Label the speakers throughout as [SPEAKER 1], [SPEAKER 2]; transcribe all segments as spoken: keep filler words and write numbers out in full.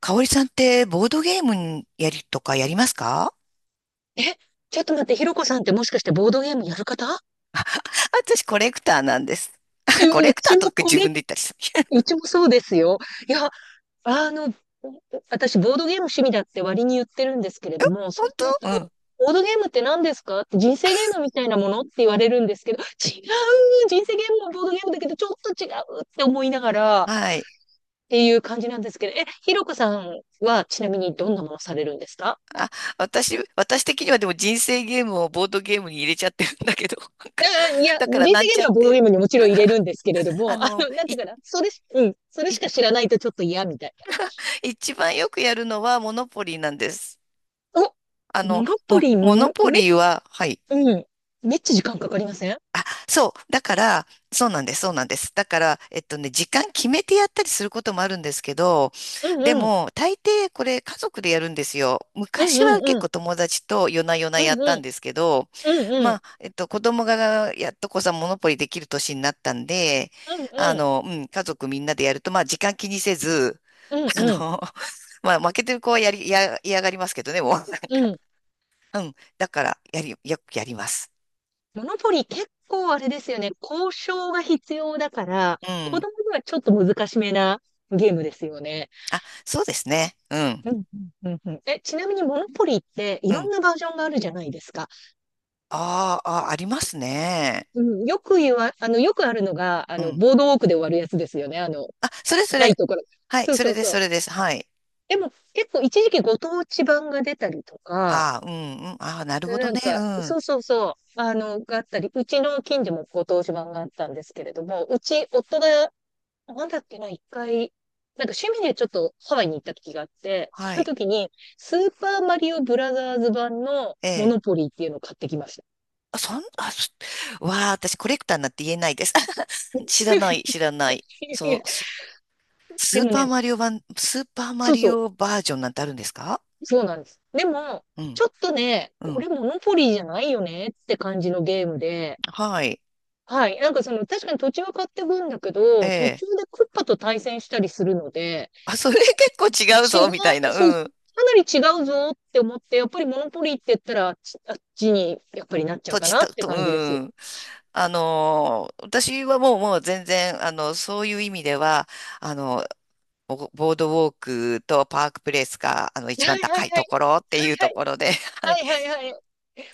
[SPEAKER 1] かおりさんってボードゲームやりとかやりますか？
[SPEAKER 2] え、ちょっと待って、ひろこさんってもしかしてボードゲームやる方？
[SPEAKER 1] 私コレクターなんです。
[SPEAKER 2] え
[SPEAKER 1] コレ
[SPEAKER 2] う
[SPEAKER 1] クタ
[SPEAKER 2] ち
[SPEAKER 1] ーと
[SPEAKER 2] も
[SPEAKER 1] か
[SPEAKER 2] こ
[SPEAKER 1] 自
[SPEAKER 2] れ、
[SPEAKER 1] 分で言ったりす
[SPEAKER 2] う
[SPEAKER 1] る。
[SPEAKER 2] ちもそうですよ。いや、あの、私、ボードゲーム趣味だって割に言ってるんですけれども、
[SPEAKER 1] 本
[SPEAKER 2] そうする
[SPEAKER 1] 当。うん。
[SPEAKER 2] と、ボードゲームって何ですかって人生ゲームみたいなものって言われるんですけど、違う、人生ゲームもボードゲームだけど、ちょっと違うって思いながらっ
[SPEAKER 1] はい。
[SPEAKER 2] ていう感じなんですけど、え、ひろこさんはちなみにどんなものされるんですか？
[SPEAKER 1] あ、私、私的にはでも人生ゲームをボードゲームに入れちゃってるんだけど、なんか、
[SPEAKER 2] あーいや、
[SPEAKER 1] だから
[SPEAKER 2] 人
[SPEAKER 1] な
[SPEAKER 2] 生
[SPEAKER 1] ん
[SPEAKER 2] ゲー
[SPEAKER 1] ちゃ
[SPEAKER 2] ム
[SPEAKER 1] っ
[SPEAKER 2] はボード
[SPEAKER 1] て、
[SPEAKER 2] ゲームにもちろん入れるんですけれど
[SPEAKER 1] あ
[SPEAKER 2] も、あ
[SPEAKER 1] の、
[SPEAKER 2] の、なん
[SPEAKER 1] い、
[SPEAKER 2] ていうかな、それし、うん、それし
[SPEAKER 1] い、
[SPEAKER 2] か知らないとちょっと嫌みたいな。
[SPEAKER 1] 一番よくやるのはモノポリーなんです。あ
[SPEAKER 2] お、モ
[SPEAKER 1] の、
[SPEAKER 2] ノポ
[SPEAKER 1] も、
[SPEAKER 2] リー、
[SPEAKER 1] モノポ
[SPEAKER 2] め、
[SPEAKER 1] リーは。はい。
[SPEAKER 2] うん、めっちゃ時間かかりません？
[SPEAKER 1] そう。だから、そうなんです、そうなんです。だから、えっとね、時間決めてやったりすることもあるんですけど、
[SPEAKER 2] うん
[SPEAKER 1] で
[SPEAKER 2] うん、
[SPEAKER 1] も、大抵これ家族でやるんですよ。
[SPEAKER 2] うん
[SPEAKER 1] 昔
[SPEAKER 2] う
[SPEAKER 1] は
[SPEAKER 2] ん
[SPEAKER 1] 結
[SPEAKER 2] うん、
[SPEAKER 1] 構友達と夜な夜な
[SPEAKER 2] う
[SPEAKER 1] や
[SPEAKER 2] ん
[SPEAKER 1] っ
[SPEAKER 2] う
[SPEAKER 1] たん
[SPEAKER 2] ん、
[SPEAKER 1] ですけど、
[SPEAKER 2] うんう
[SPEAKER 1] ま
[SPEAKER 2] ん、
[SPEAKER 1] あ、えっと、子供がやっとこさ、モノポリできる年になったんで、
[SPEAKER 2] うん
[SPEAKER 1] あ
[SPEAKER 2] うん、
[SPEAKER 1] の、うん、家族みんなでやると、まあ、時間気にせず、
[SPEAKER 2] うん
[SPEAKER 1] あの、
[SPEAKER 2] うん、
[SPEAKER 1] まあ、負けてる子はやり、や、嫌がりますけどね、もう、なんか、
[SPEAKER 2] うん。
[SPEAKER 1] うん。だから、やり、よくやります。
[SPEAKER 2] モノポリー結構あれですよね、交渉が必要だから、
[SPEAKER 1] う
[SPEAKER 2] 子
[SPEAKER 1] ん。
[SPEAKER 2] 供にはちょっと難しめなゲームですよね。
[SPEAKER 1] あ、そうですね。うん。
[SPEAKER 2] うんうん、うんうん。え、ちなみにモノポリーってい
[SPEAKER 1] う
[SPEAKER 2] ろん
[SPEAKER 1] ん。
[SPEAKER 2] なバージョンがあるじゃないですか。
[SPEAKER 1] あーあー、ありますね。
[SPEAKER 2] うん、よく言わ、あの、よくあるのが、あ
[SPEAKER 1] う
[SPEAKER 2] の、
[SPEAKER 1] ん。
[SPEAKER 2] ボードウォークで終わるやつですよね。あの、
[SPEAKER 1] あ、そ
[SPEAKER 2] た
[SPEAKER 1] れそ
[SPEAKER 2] 高い
[SPEAKER 1] れ。
[SPEAKER 2] ところ。
[SPEAKER 1] はい、
[SPEAKER 2] そう
[SPEAKER 1] それ
[SPEAKER 2] そう
[SPEAKER 1] です、
[SPEAKER 2] そ
[SPEAKER 1] そ
[SPEAKER 2] う。
[SPEAKER 1] れです。はい。
[SPEAKER 2] でも、結構一時期ご当地版が出たりとか、
[SPEAKER 1] ああ、うん、うん。ああ、なるほど
[SPEAKER 2] なん
[SPEAKER 1] ね。
[SPEAKER 2] か、
[SPEAKER 1] う
[SPEAKER 2] そ
[SPEAKER 1] ん。
[SPEAKER 2] うそうそう、あの、があったり、うちの近所もご当地版があったんですけれども、うち、夫が、なんだっけな、一回、なんか趣味でちょっとハワイに行った時があって、
[SPEAKER 1] は
[SPEAKER 2] その
[SPEAKER 1] い。
[SPEAKER 2] 時に、スーパーマリオブラザーズ版の
[SPEAKER 1] え
[SPEAKER 2] モ
[SPEAKER 1] え。
[SPEAKER 2] ノポリーっていうのを買ってきました。
[SPEAKER 1] あ、そん、あ、そわあ、私コレクターになって言えないです。知らない、知
[SPEAKER 2] い
[SPEAKER 1] らない。
[SPEAKER 2] やい
[SPEAKER 1] そ
[SPEAKER 2] や、
[SPEAKER 1] う、そス
[SPEAKER 2] で
[SPEAKER 1] ー
[SPEAKER 2] も
[SPEAKER 1] パー
[SPEAKER 2] ね、
[SPEAKER 1] マリオ版、スーパーマ
[SPEAKER 2] そう
[SPEAKER 1] リ
[SPEAKER 2] そう。
[SPEAKER 1] オバージョンなんてあるんですか？
[SPEAKER 2] そうなんです。でも、
[SPEAKER 1] うん、
[SPEAKER 2] ちょっとね、
[SPEAKER 1] う
[SPEAKER 2] こ
[SPEAKER 1] ん。
[SPEAKER 2] れモノポリーじゃないよねって感じのゲームで、
[SPEAKER 1] はい。
[SPEAKER 2] はい。なんかその、確かに土地は買ってくんだけ
[SPEAKER 1] え
[SPEAKER 2] ど、途
[SPEAKER 1] え。
[SPEAKER 2] 中でクッパと対戦したりするので、
[SPEAKER 1] あ、それ結構違う
[SPEAKER 2] 違
[SPEAKER 1] ぞ、
[SPEAKER 2] う、
[SPEAKER 1] みたいな。
[SPEAKER 2] そう、
[SPEAKER 1] うん。
[SPEAKER 2] かなり違うぞって思って、やっぱりモノポリーって言ったら、あっちあっちにやっぱりなっちゃう
[SPEAKER 1] 土
[SPEAKER 2] か
[SPEAKER 1] 地
[SPEAKER 2] な
[SPEAKER 1] た
[SPEAKER 2] って
[SPEAKER 1] と、う
[SPEAKER 2] 感じです。
[SPEAKER 1] ん。あのー私はもう、もう全然、あの、そういう意味では、あの、ボボードウォークとパークプレイスが、あの、
[SPEAKER 2] は
[SPEAKER 1] 一
[SPEAKER 2] い
[SPEAKER 1] 番
[SPEAKER 2] はいはい、は
[SPEAKER 1] 高
[SPEAKER 2] い
[SPEAKER 1] いところっていう
[SPEAKER 2] は
[SPEAKER 1] ところで、はい。
[SPEAKER 2] い、はいはいはい。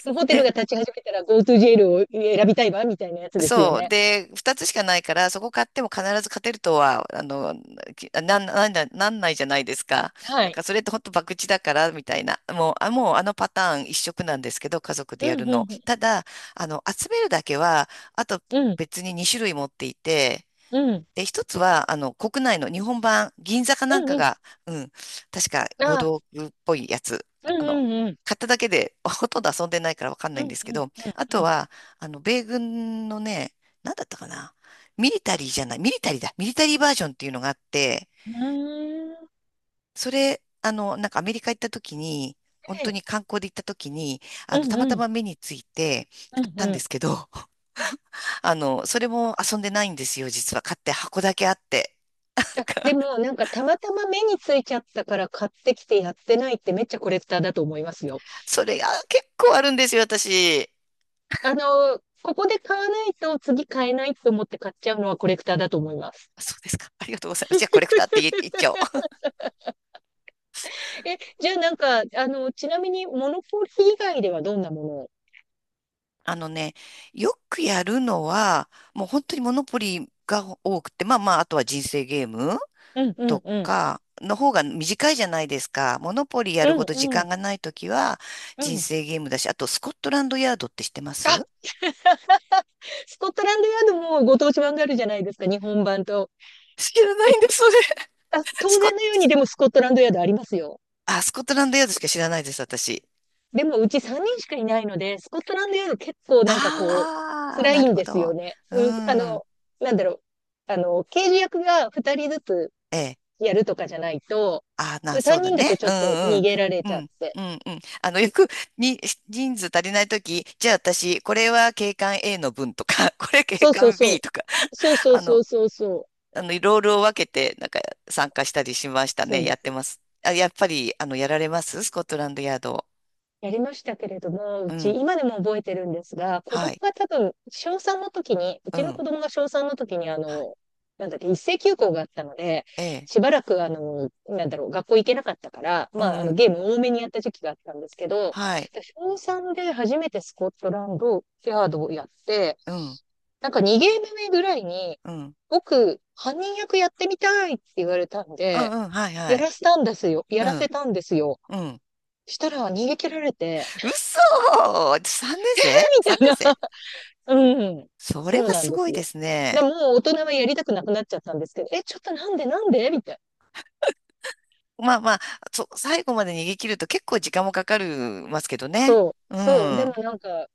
[SPEAKER 2] もうホテル
[SPEAKER 1] で、
[SPEAKER 2] が立ち始めたら GoToJail を選びたいわ、みたいなやつですよ
[SPEAKER 1] そう。
[SPEAKER 2] ね。
[SPEAKER 1] で、二つしかないから、そこ買っても必ず勝てるとは、あの、きなん、なんだ、なんないじゃないですか。
[SPEAKER 2] は
[SPEAKER 1] だか
[SPEAKER 2] い。
[SPEAKER 1] らそれって本当博打だから、みたいな。もう、あ、もうあのパターン一色なんですけど、家族でや
[SPEAKER 2] う
[SPEAKER 1] る
[SPEAKER 2] ん、う
[SPEAKER 1] の。
[SPEAKER 2] ん、
[SPEAKER 1] ただ、あの、集めるだけは、あと
[SPEAKER 2] うん、うん、
[SPEAKER 1] 別ににしゅるい種類持っていて、
[SPEAKER 2] うん、
[SPEAKER 1] で、一つは、あの、国内の日本版、銀座かなん
[SPEAKER 2] うん、
[SPEAKER 1] か
[SPEAKER 2] うん。
[SPEAKER 1] が、うん、確か、ボー
[SPEAKER 2] ああ、
[SPEAKER 1] ドっぽいやつ、
[SPEAKER 2] うん、
[SPEAKER 1] あの、
[SPEAKER 2] うん、うん。
[SPEAKER 1] 買っただけで、ほとんど遊んでないからわかん
[SPEAKER 2] う
[SPEAKER 1] ないんで
[SPEAKER 2] ん
[SPEAKER 1] すけ
[SPEAKER 2] うん
[SPEAKER 1] ど、あ
[SPEAKER 2] う
[SPEAKER 1] と
[SPEAKER 2] んう
[SPEAKER 1] は、あの、米軍のね、なんだったかな、ミリタリーじゃない、ミリタリーだ、ミリタリーバージョンっていうのがあって、
[SPEAKER 2] ん。うーん。
[SPEAKER 1] それ、あの、なんかアメリカ行った時に、本当
[SPEAKER 2] で、
[SPEAKER 1] に観光で行った時に、あ
[SPEAKER 2] う
[SPEAKER 1] の、
[SPEAKER 2] ん
[SPEAKER 1] たまた
[SPEAKER 2] うん
[SPEAKER 1] ま目について
[SPEAKER 2] う
[SPEAKER 1] 買
[SPEAKER 2] ん
[SPEAKER 1] ったん
[SPEAKER 2] う
[SPEAKER 1] で
[SPEAKER 2] ん。
[SPEAKER 1] すけど、あの、それも遊んでないんですよ、実は。買って箱だけあって。
[SPEAKER 2] あ、でもなんかたまたま目についちゃったから買ってきてやってないってめっちゃコレクターだと思いますよ。
[SPEAKER 1] それが結構あるんですよ、私。
[SPEAKER 2] あの、ここで買わないと次買えないと思って買っちゃうのはコレクターだと思います。
[SPEAKER 1] そうですか。ありがとうございます。じゃあ、コレクターって言っ言っちゃおう。
[SPEAKER 2] え、じゃあなんか、あの、ちなみにモノポリ以外ではどんなものを？
[SPEAKER 1] あのね、よくやるのは、もう本当にモノポリが多くて、まあまあ、あとは人生ゲーム
[SPEAKER 2] うんうん
[SPEAKER 1] と
[SPEAKER 2] うん。
[SPEAKER 1] かの方が短いじゃないですか。モノポリや
[SPEAKER 2] う
[SPEAKER 1] るほ
[SPEAKER 2] ん
[SPEAKER 1] ど時
[SPEAKER 2] う
[SPEAKER 1] 間
[SPEAKER 2] ん
[SPEAKER 1] がないときは、
[SPEAKER 2] う
[SPEAKER 1] 人
[SPEAKER 2] ん。
[SPEAKER 1] 生ゲームだし、あと、スコットランドヤードって知ってま
[SPEAKER 2] あ、
[SPEAKER 1] す？
[SPEAKER 2] スコットランドヤードもご当地版があるじゃないですか、日本版と。
[SPEAKER 1] 知らないんです、それ。
[SPEAKER 2] あ、
[SPEAKER 1] ス
[SPEAKER 2] 当
[SPEAKER 1] コ
[SPEAKER 2] 然
[SPEAKER 1] ッ、
[SPEAKER 2] のようにでもスコットランドヤードありますよ。
[SPEAKER 1] あ、スコットランドヤードしか知らないです、私。
[SPEAKER 2] でもうちさんにんしかいないので、スコットランドヤード結構なんかこう、
[SPEAKER 1] ああ、
[SPEAKER 2] 辛
[SPEAKER 1] な
[SPEAKER 2] い
[SPEAKER 1] る
[SPEAKER 2] ん
[SPEAKER 1] ほ
[SPEAKER 2] ですよ
[SPEAKER 1] ど。
[SPEAKER 2] ね。
[SPEAKER 1] う
[SPEAKER 2] うん、あ
[SPEAKER 1] ん。
[SPEAKER 2] の、なんだろう。あの、刑事役がふたりずつ
[SPEAKER 1] ええ。
[SPEAKER 2] やるとかじゃないと、
[SPEAKER 1] あまあ、な、そう
[SPEAKER 2] 3
[SPEAKER 1] だ
[SPEAKER 2] 人だと
[SPEAKER 1] ね。
[SPEAKER 2] ち
[SPEAKER 1] う
[SPEAKER 2] ょ
[SPEAKER 1] ん
[SPEAKER 2] っと
[SPEAKER 1] う
[SPEAKER 2] 逃
[SPEAKER 1] ん
[SPEAKER 2] げられ
[SPEAKER 1] う
[SPEAKER 2] ちゃっ
[SPEAKER 1] ん。
[SPEAKER 2] て。
[SPEAKER 1] うんうんうん。あの、よく、に、人数足りないとき、じゃあ私、これは警官 A の分とか、これ警
[SPEAKER 2] そうそう
[SPEAKER 1] 官
[SPEAKER 2] そ
[SPEAKER 1] B
[SPEAKER 2] う。
[SPEAKER 1] とか、
[SPEAKER 2] そうそう
[SPEAKER 1] あ
[SPEAKER 2] そう
[SPEAKER 1] の、
[SPEAKER 2] そうそう。
[SPEAKER 1] あの、ロールを分けて、なんか、参加したりしました
[SPEAKER 2] そ
[SPEAKER 1] ね。
[SPEAKER 2] うで
[SPEAKER 1] やって
[SPEAKER 2] す。
[SPEAKER 1] ます。あ、やっぱり、あの、やられますスコットランドヤード。
[SPEAKER 2] やりましたけれども、う
[SPEAKER 1] う
[SPEAKER 2] ち、
[SPEAKER 1] ん。
[SPEAKER 2] 今でも覚えてるんですが、子
[SPEAKER 1] は
[SPEAKER 2] 供
[SPEAKER 1] い。
[SPEAKER 2] が多分、小さんの時に、う
[SPEAKER 1] う
[SPEAKER 2] ちの
[SPEAKER 1] ん。
[SPEAKER 2] 子供が小さんの時に、あ
[SPEAKER 1] は
[SPEAKER 2] の、なんだっけ、一斉休校があったので、
[SPEAKER 1] い。ええ。
[SPEAKER 2] しばらく、あの、なんだろう、学校行けなかったから、
[SPEAKER 1] う
[SPEAKER 2] まあ、
[SPEAKER 1] ん
[SPEAKER 2] あ
[SPEAKER 1] う
[SPEAKER 2] の、
[SPEAKER 1] ん。
[SPEAKER 2] ゲーム多めにやった時期があったんですけど、
[SPEAKER 1] はい。
[SPEAKER 2] 小さんで初めてスコットランド、ヤードをやって、
[SPEAKER 1] うん。
[SPEAKER 2] なんかにゲーム目ぐらいに、
[SPEAKER 1] うん。
[SPEAKER 2] 僕、犯人役やってみたいって言われたん
[SPEAKER 1] う
[SPEAKER 2] で、
[SPEAKER 1] んうん。はい
[SPEAKER 2] や
[SPEAKER 1] は
[SPEAKER 2] ら
[SPEAKER 1] い。
[SPEAKER 2] せたんですよ。や
[SPEAKER 1] う
[SPEAKER 2] らせ
[SPEAKER 1] ん。
[SPEAKER 2] たんですよ。
[SPEAKER 1] うん。
[SPEAKER 2] したら逃げ切られて、
[SPEAKER 1] 嘘 !さんねんせい 年生
[SPEAKER 2] みたいな。
[SPEAKER 1] ?さんねんせい 年生。
[SPEAKER 2] うん。
[SPEAKER 1] それ
[SPEAKER 2] そ
[SPEAKER 1] は
[SPEAKER 2] うなん
[SPEAKER 1] す
[SPEAKER 2] で
[SPEAKER 1] ご
[SPEAKER 2] す
[SPEAKER 1] いで
[SPEAKER 2] よ。
[SPEAKER 1] すね。
[SPEAKER 2] でも、もう大人はやりたくなくなっちゃったんですけど、え、ちょっとなんでなんでみたいな。
[SPEAKER 1] まあまあ、そう、最後まで逃げ切ると結構時間もかかるますけどね。
[SPEAKER 2] そう、
[SPEAKER 1] う
[SPEAKER 2] そう。でも
[SPEAKER 1] ん、
[SPEAKER 2] なんか、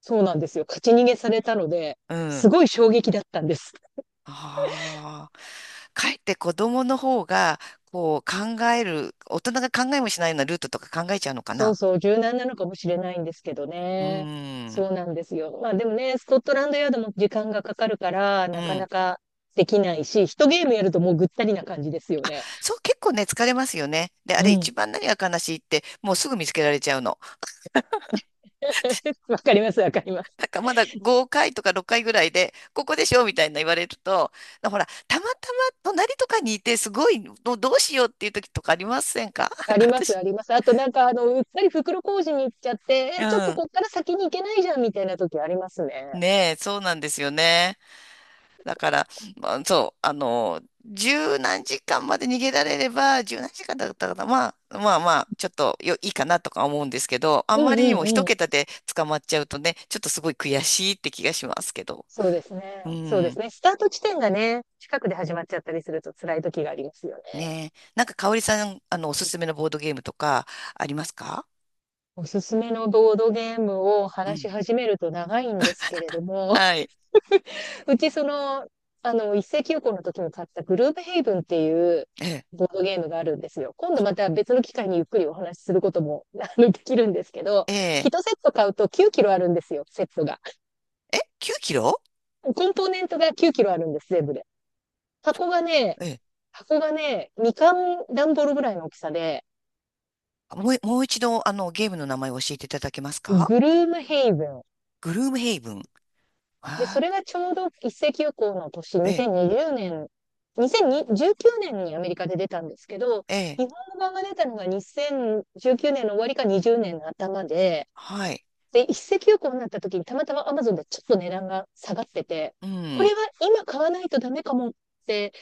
[SPEAKER 2] そうなんですよ。勝ち逃げされたので、
[SPEAKER 1] う
[SPEAKER 2] す
[SPEAKER 1] ん。
[SPEAKER 2] ごい衝撃だったんです。
[SPEAKER 1] ああ。かえって子供の方が、こう考える、大人が考えもしないようなルートとか考えちゃうのか
[SPEAKER 2] そう
[SPEAKER 1] な。
[SPEAKER 2] そう、柔軟なのかもしれないんですけど
[SPEAKER 1] う
[SPEAKER 2] ね。
[SPEAKER 1] ん、
[SPEAKER 2] そうなんですよ。まあでもね、スコットランドヤードも時間がかかるから、
[SPEAKER 1] う
[SPEAKER 2] なか
[SPEAKER 1] ん。
[SPEAKER 2] なかできないし、一ゲームやるともうぐったりな感じですよ
[SPEAKER 1] あ、
[SPEAKER 2] ね。
[SPEAKER 1] そう、結構ね、疲れますよね。で、あ
[SPEAKER 2] う
[SPEAKER 1] れ一
[SPEAKER 2] ん。
[SPEAKER 1] 番何が悲しいって、もうすぐ見つけられちゃうの。
[SPEAKER 2] わかります、わかります。
[SPEAKER 1] なんかまだごかいとかろっかいぐらいで、ここでしょみたいな言われると、ほら、たまたま隣とかにいて、すごい、どどうしようっていう時とかありませんか？ なん
[SPEAKER 2] あ
[SPEAKER 1] か
[SPEAKER 2] ります、
[SPEAKER 1] 私、
[SPEAKER 2] あります。あとなんか、あの、うっかり袋小路に行っちゃって、
[SPEAKER 1] う
[SPEAKER 2] え、ちょっと
[SPEAKER 1] ん。
[SPEAKER 2] こっから先に行けないじゃんみたいな時ありますね。
[SPEAKER 1] ねえ、そうなんですよね。だから、まあ、そう、あの、十何時間まで逃げられれば、十何時間だったかな、まあ、まあまあ、ちょっとよ、いいかなとか思うんですけど、あ
[SPEAKER 2] う
[SPEAKER 1] んま
[SPEAKER 2] ん
[SPEAKER 1] りに
[SPEAKER 2] う
[SPEAKER 1] も
[SPEAKER 2] ん
[SPEAKER 1] 一
[SPEAKER 2] うん。
[SPEAKER 1] 桁で捕まっちゃうとね、ちょっとすごい悔しいって気がしますけど。
[SPEAKER 2] そうです
[SPEAKER 1] う
[SPEAKER 2] ね。そうです
[SPEAKER 1] ん。
[SPEAKER 2] ね。スタート地点がね、近くで始まっちゃったりすると辛い時がありますよね。
[SPEAKER 1] ねえ。なんか、香織さん、あの、おすすめのボードゲームとか、ありますか？
[SPEAKER 2] おすすめのボードゲームを
[SPEAKER 1] う
[SPEAKER 2] 話
[SPEAKER 1] ん。
[SPEAKER 2] し始めると長いんですけれども、
[SPEAKER 1] はい。
[SPEAKER 2] うち、その、あの、一斉休校の時に買ったグループヘイブンっていう
[SPEAKER 1] ええ。
[SPEAKER 2] ボードゲームがあるんですよ。今度また別の機会にゆっくりお話しすることも、あの、できるんですけど、
[SPEAKER 1] え
[SPEAKER 2] いち
[SPEAKER 1] え。
[SPEAKER 2] セット買うときゅうキロあるんですよ、セットが。
[SPEAKER 1] え、きゅうキロ？
[SPEAKER 2] コンポーネントがきゅうキロあるんです、全部で。箱がね、
[SPEAKER 1] ええ。
[SPEAKER 2] 箱がね、みかん段ボールぐらいの大きさで、
[SPEAKER 1] もう、もう一度、あの、ゲームの名前を教えていただけますか？
[SPEAKER 2] グルームヘイブン、
[SPEAKER 1] グルームヘイブン。
[SPEAKER 2] で、そ
[SPEAKER 1] ああ、
[SPEAKER 2] れがちょうど一斉休校の年、
[SPEAKER 1] ええ、
[SPEAKER 2] にせんにじゅうねん、にせんじゅうきゅうねんにアメリカで出たんですけど、
[SPEAKER 1] ええ、
[SPEAKER 2] 日本語版が出たのがにせんじゅうきゅうねんの終わりかにじゅうねんの頭で、
[SPEAKER 1] はい。
[SPEAKER 2] で、一斉休校になった時にたまたま Amazon でちょっと値段が下がってて、
[SPEAKER 1] う
[SPEAKER 2] これ
[SPEAKER 1] ん。
[SPEAKER 2] は今買わないとダメかもって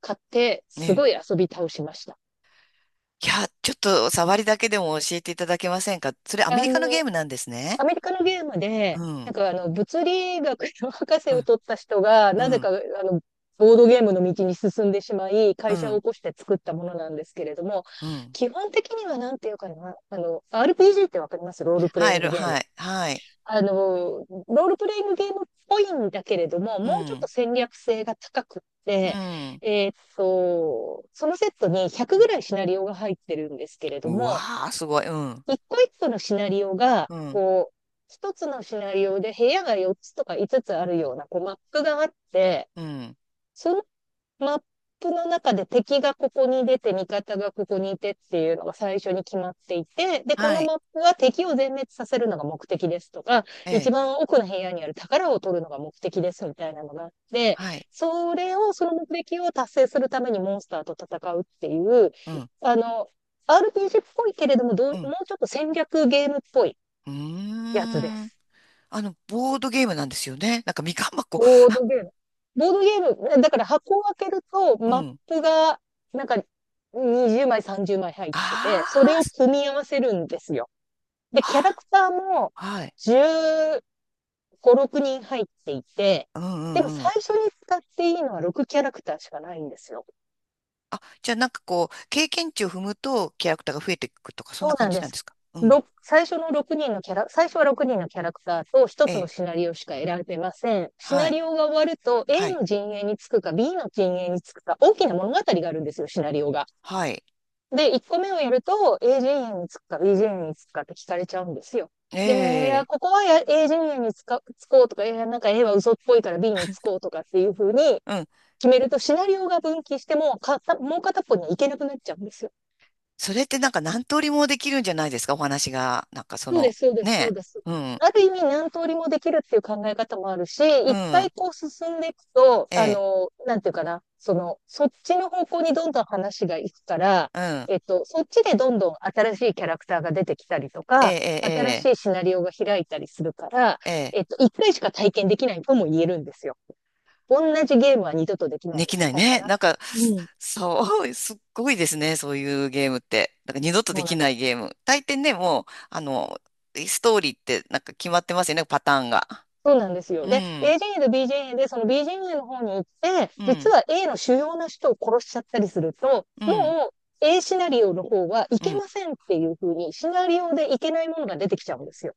[SPEAKER 2] 買って、
[SPEAKER 1] ね
[SPEAKER 2] すごい
[SPEAKER 1] え。
[SPEAKER 2] 遊び倒しました。
[SPEAKER 1] いや、ちょっと、触りだけでも教えていただけませんか？それ、アメ
[SPEAKER 2] あ
[SPEAKER 1] リカの
[SPEAKER 2] の
[SPEAKER 1] ゲームなんですね。
[SPEAKER 2] アメリカのゲーム
[SPEAKER 1] う
[SPEAKER 2] で、なん
[SPEAKER 1] ん。
[SPEAKER 2] か、あの、物理学の博士
[SPEAKER 1] う
[SPEAKER 2] を
[SPEAKER 1] ん。
[SPEAKER 2] 取った人が、
[SPEAKER 1] う
[SPEAKER 2] なぜか、
[SPEAKER 1] ん。
[SPEAKER 2] あの、ボードゲームの道に進んでしまい、
[SPEAKER 1] う
[SPEAKER 2] 会社を
[SPEAKER 1] ん。
[SPEAKER 2] 起こして作ったものなんですけれども、
[SPEAKER 1] うん。
[SPEAKER 2] 基本的にはなんていうかな、あの、アールピージー ってわかります？ロールプレイ
[SPEAKER 1] 入
[SPEAKER 2] ング
[SPEAKER 1] る
[SPEAKER 2] ゲーム。
[SPEAKER 1] はい。はい。
[SPEAKER 2] あの、ロールプレイングゲームっぽいんだけれども、
[SPEAKER 1] う
[SPEAKER 2] もうちょっ
[SPEAKER 1] ん。
[SPEAKER 2] と戦略性が高くっ
[SPEAKER 1] う
[SPEAKER 2] て、
[SPEAKER 1] ん。
[SPEAKER 2] えーっと、そのセットにひゃくぐらいシナリオが入ってるんですけれど
[SPEAKER 1] う
[SPEAKER 2] も、
[SPEAKER 1] わあ、すごい。うん。
[SPEAKER 2] 一個一個のシナリオが、
[SPEAKER 1] うん。
[SPEAKER 2] こう、一つのシナリオで部屋がよっつとかいつつつあるような、こう、マップがあって、
[SPEAKER 1] うん。
[SPEAKER 2] そのマップの中で敵がここに出て、味方がここにいてっていうのが最初に決まっていて、で、この
[SPEAKER 1] はい。
[SPEAKER 2] マップは敵を全滅させるのが目的ですとか、
[SPEAKER 1] え
[SPEAKER 2] 一
[SPEAKER 1] え。
[SPEAKER 2] 番奥の部屋にある宝を取るのが目的ですみたいなのがあって、
[SPEAKER 1] はい。
[SPEAKER 2] それを、その目的を達成するためにモンスターと戦うっていう、
[SPEAKER 1] うん。
[SPEAKER 2] あの、アールピージー っぽいけれども、ど
[SPEAKER 1] う
[SPEAKER 2] う、も
[SPEAKER 1] ん。
[SPEAKER 2] うちょっと戦略ゲームっぽい
[SPEAKER 1] う
[SPEAKER 2] やつで
[SPEAKER 1] ーん。
[SPEAKER 2] す。
[SPEAKER 1] あの、ボードゲームなんですよね。なんかみかん箱。
[SPEAKER 2] ボードゲーム。ボードゲーム、だから箱を開けると、
[SPEAKER 1] う
[SPEAKER 2] マッ
[SPEAKER 1] ん。
[SPEAKER 2] プが、なんか、にじゅうまい、さんじゅうまい入っ
[SPEAKER 1] あ
[SPEAKER 2] てて、それを
[SPEAKER 1] ー
[SPEAKER 2] 組み合わせるんですよ。で、キャラ
[SPEAKER 1] あ、
[SPEAKER 2] クターも
[SPEAKER 1] はい。
[SPEAKER 2] じゅうご、ろくにん入っていて、
[SPEAKER 1] うんう
[SPEAKER 2] でも
[SPEAKER 1] んう
[SPEAKER 2] 最
[SPEAKER 1] ん。
[SPEAKER 2] 初に使っていいのはろくキャラクターしかないんですよ。
[SPEAKER 1] あ、じゃあなんかこう、経験値を踏むとキャラクターが増えていくとか、そん
[SPEAKER 2] そ
[SPEAKER 1] な
[SPEAKER 2] う
[SPEAKER 1] 感
[SPEAKER 2] なん
[SPEAKER 1] じ
[SPEAKER 2] で
[SPEAKER 1] なんで
[SPEAKER 2] す。
[SPEAKER 1] すか？うん。
[SPEAKER 2] ろく最初の6人のキャラ、最初はろくにんのキャラクターと1
[SPEAKER 1] え
[SPEAKER 2] つの
[SPEAKER 1] え。
[SPEAKER 2] シナリオしか選べません。シ
[SPEAKER 1] は
[SPEAKER 2] ナ
[SPEAKER 1] い。
[SPEAKER 2] リオが終わると A
[SPEAKER 1] はい。
[SPEAKER 2] の陣営につくか B の陣営につくか大きな物語があるんですよ、シナリオが。
[SPEAKER 1] はい。
[SPEAKER 2] で、いっこめをやると A 陣営につくか B 陣営につくかって聞かれちゃうんですよ。
[SPEAKER 1] え
[SPEAKER 2] で、いや
[SPEAKER 1] え。
[SPEAKER 2] ここはや、 A 陣営につかつこうとか、いやなんか A は嘘っぽいから B につこうとかっていう風に
[SPEAKER 1] うん。
[SPEAKER 2] 決めるとシナリオが分岐してもか、もう片っぽには行けなくなっちゃうんですよ。
[SPEAKER 1] それってなんか何通りもできるんじゃないですか？お話が。なんかそ
[SPEAKER 2] そうで
[SPEAKER 1] の、
[SPEAKER 2] す、そうです、そ
[SPEAKER 1] ね
[SPEAKER 2] うです。
[SPEAKER 1] え。うん。
[SPEAKER 2] ある意味何通りもできるっていう考え方もあるし、
[SPEAKER 1] う
[SPEAKER 2] 一回
[SPEAKER 1] ん。
[SPEAKER 2] こう進んでいくと、
[SPEAKER 1] え
[SPEAKER 2] あ
[SPEAKER 1] え。
[SPEAKER 2] の、なんていうかな、その、そっちの方向にどんどん話がいくから、
[SPEAKER 1] うん。
[SPEAKER 2] えっと、そっちでどんどん新しいキャラクターが出てきたりと
[SPEAKER 1] え
[SPEAKER 2] か、新し
[SPEAKER 1] え。
[SPEAKER 2] いシナリオが開いたりするから、
[SPEAKER 1] ええ。ええ。
[SPEAKER 2] えっと、一回しか体験できないとも言えるんですよ。同じゲームは二度とできない
[SPEAKER 1] で
[SPEAKER 2] に
[SPEAKER 1] きない
[SPEAKER 2] 近いか
[SPEAKER 1] ね。
[SPEAKER 2] な。
[SPEAKER 1] なんか、
[SPEAKER 2] うん。
[SPEAKER 1] そう、すっごいですね。そういうゲームって。なんか二度と
[SPEAKER 2] そ
[SPEAKER 1] で
[SPEAKER 2] うな
[SPEAKER 1] き
[SPEAKER 2] んで
[SPEAKER 1] な
[SPEAKER 2] す
[SPEAKER 1] いゲーム。大抵ね、もう、あの、ストーリーってなんか決まってますよね、パターンが。
[SPEAKER 2] そうなんですよ。
[SPEAKER 1] う
[SPEAKER 2] で、
[SPEAKER 1] ん、
[SPEAKER 2] A 陣営と B 陣営で、その B 陣営の方に行って、
[SPEAKER 1] う
[SPEAKER 2] 実
[SPEAKER 1] ん、
[SPEAKER 2] は A の主要な人を殺しちゃったりすると、
[SPEAKER 1] う
[SPEAKER 2] も
[SPEAKER 1] ん、
[SPEAKER 2] う A シナリオの方はい
[SPEAKER 1] う
[SPEAKER 2] け
[SPEAKER 1] ん。
[SPEAKER 2] ませんっていう風に、シナリオでいけないものが出てきちゃうんですよ。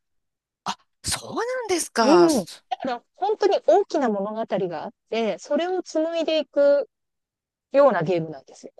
[SPEAKER 1] あ、そうなんですか？
[SPEAKER 2] うん。だから、本当に大きな物語があって、それを紡いでいくようなゲームなんですよ。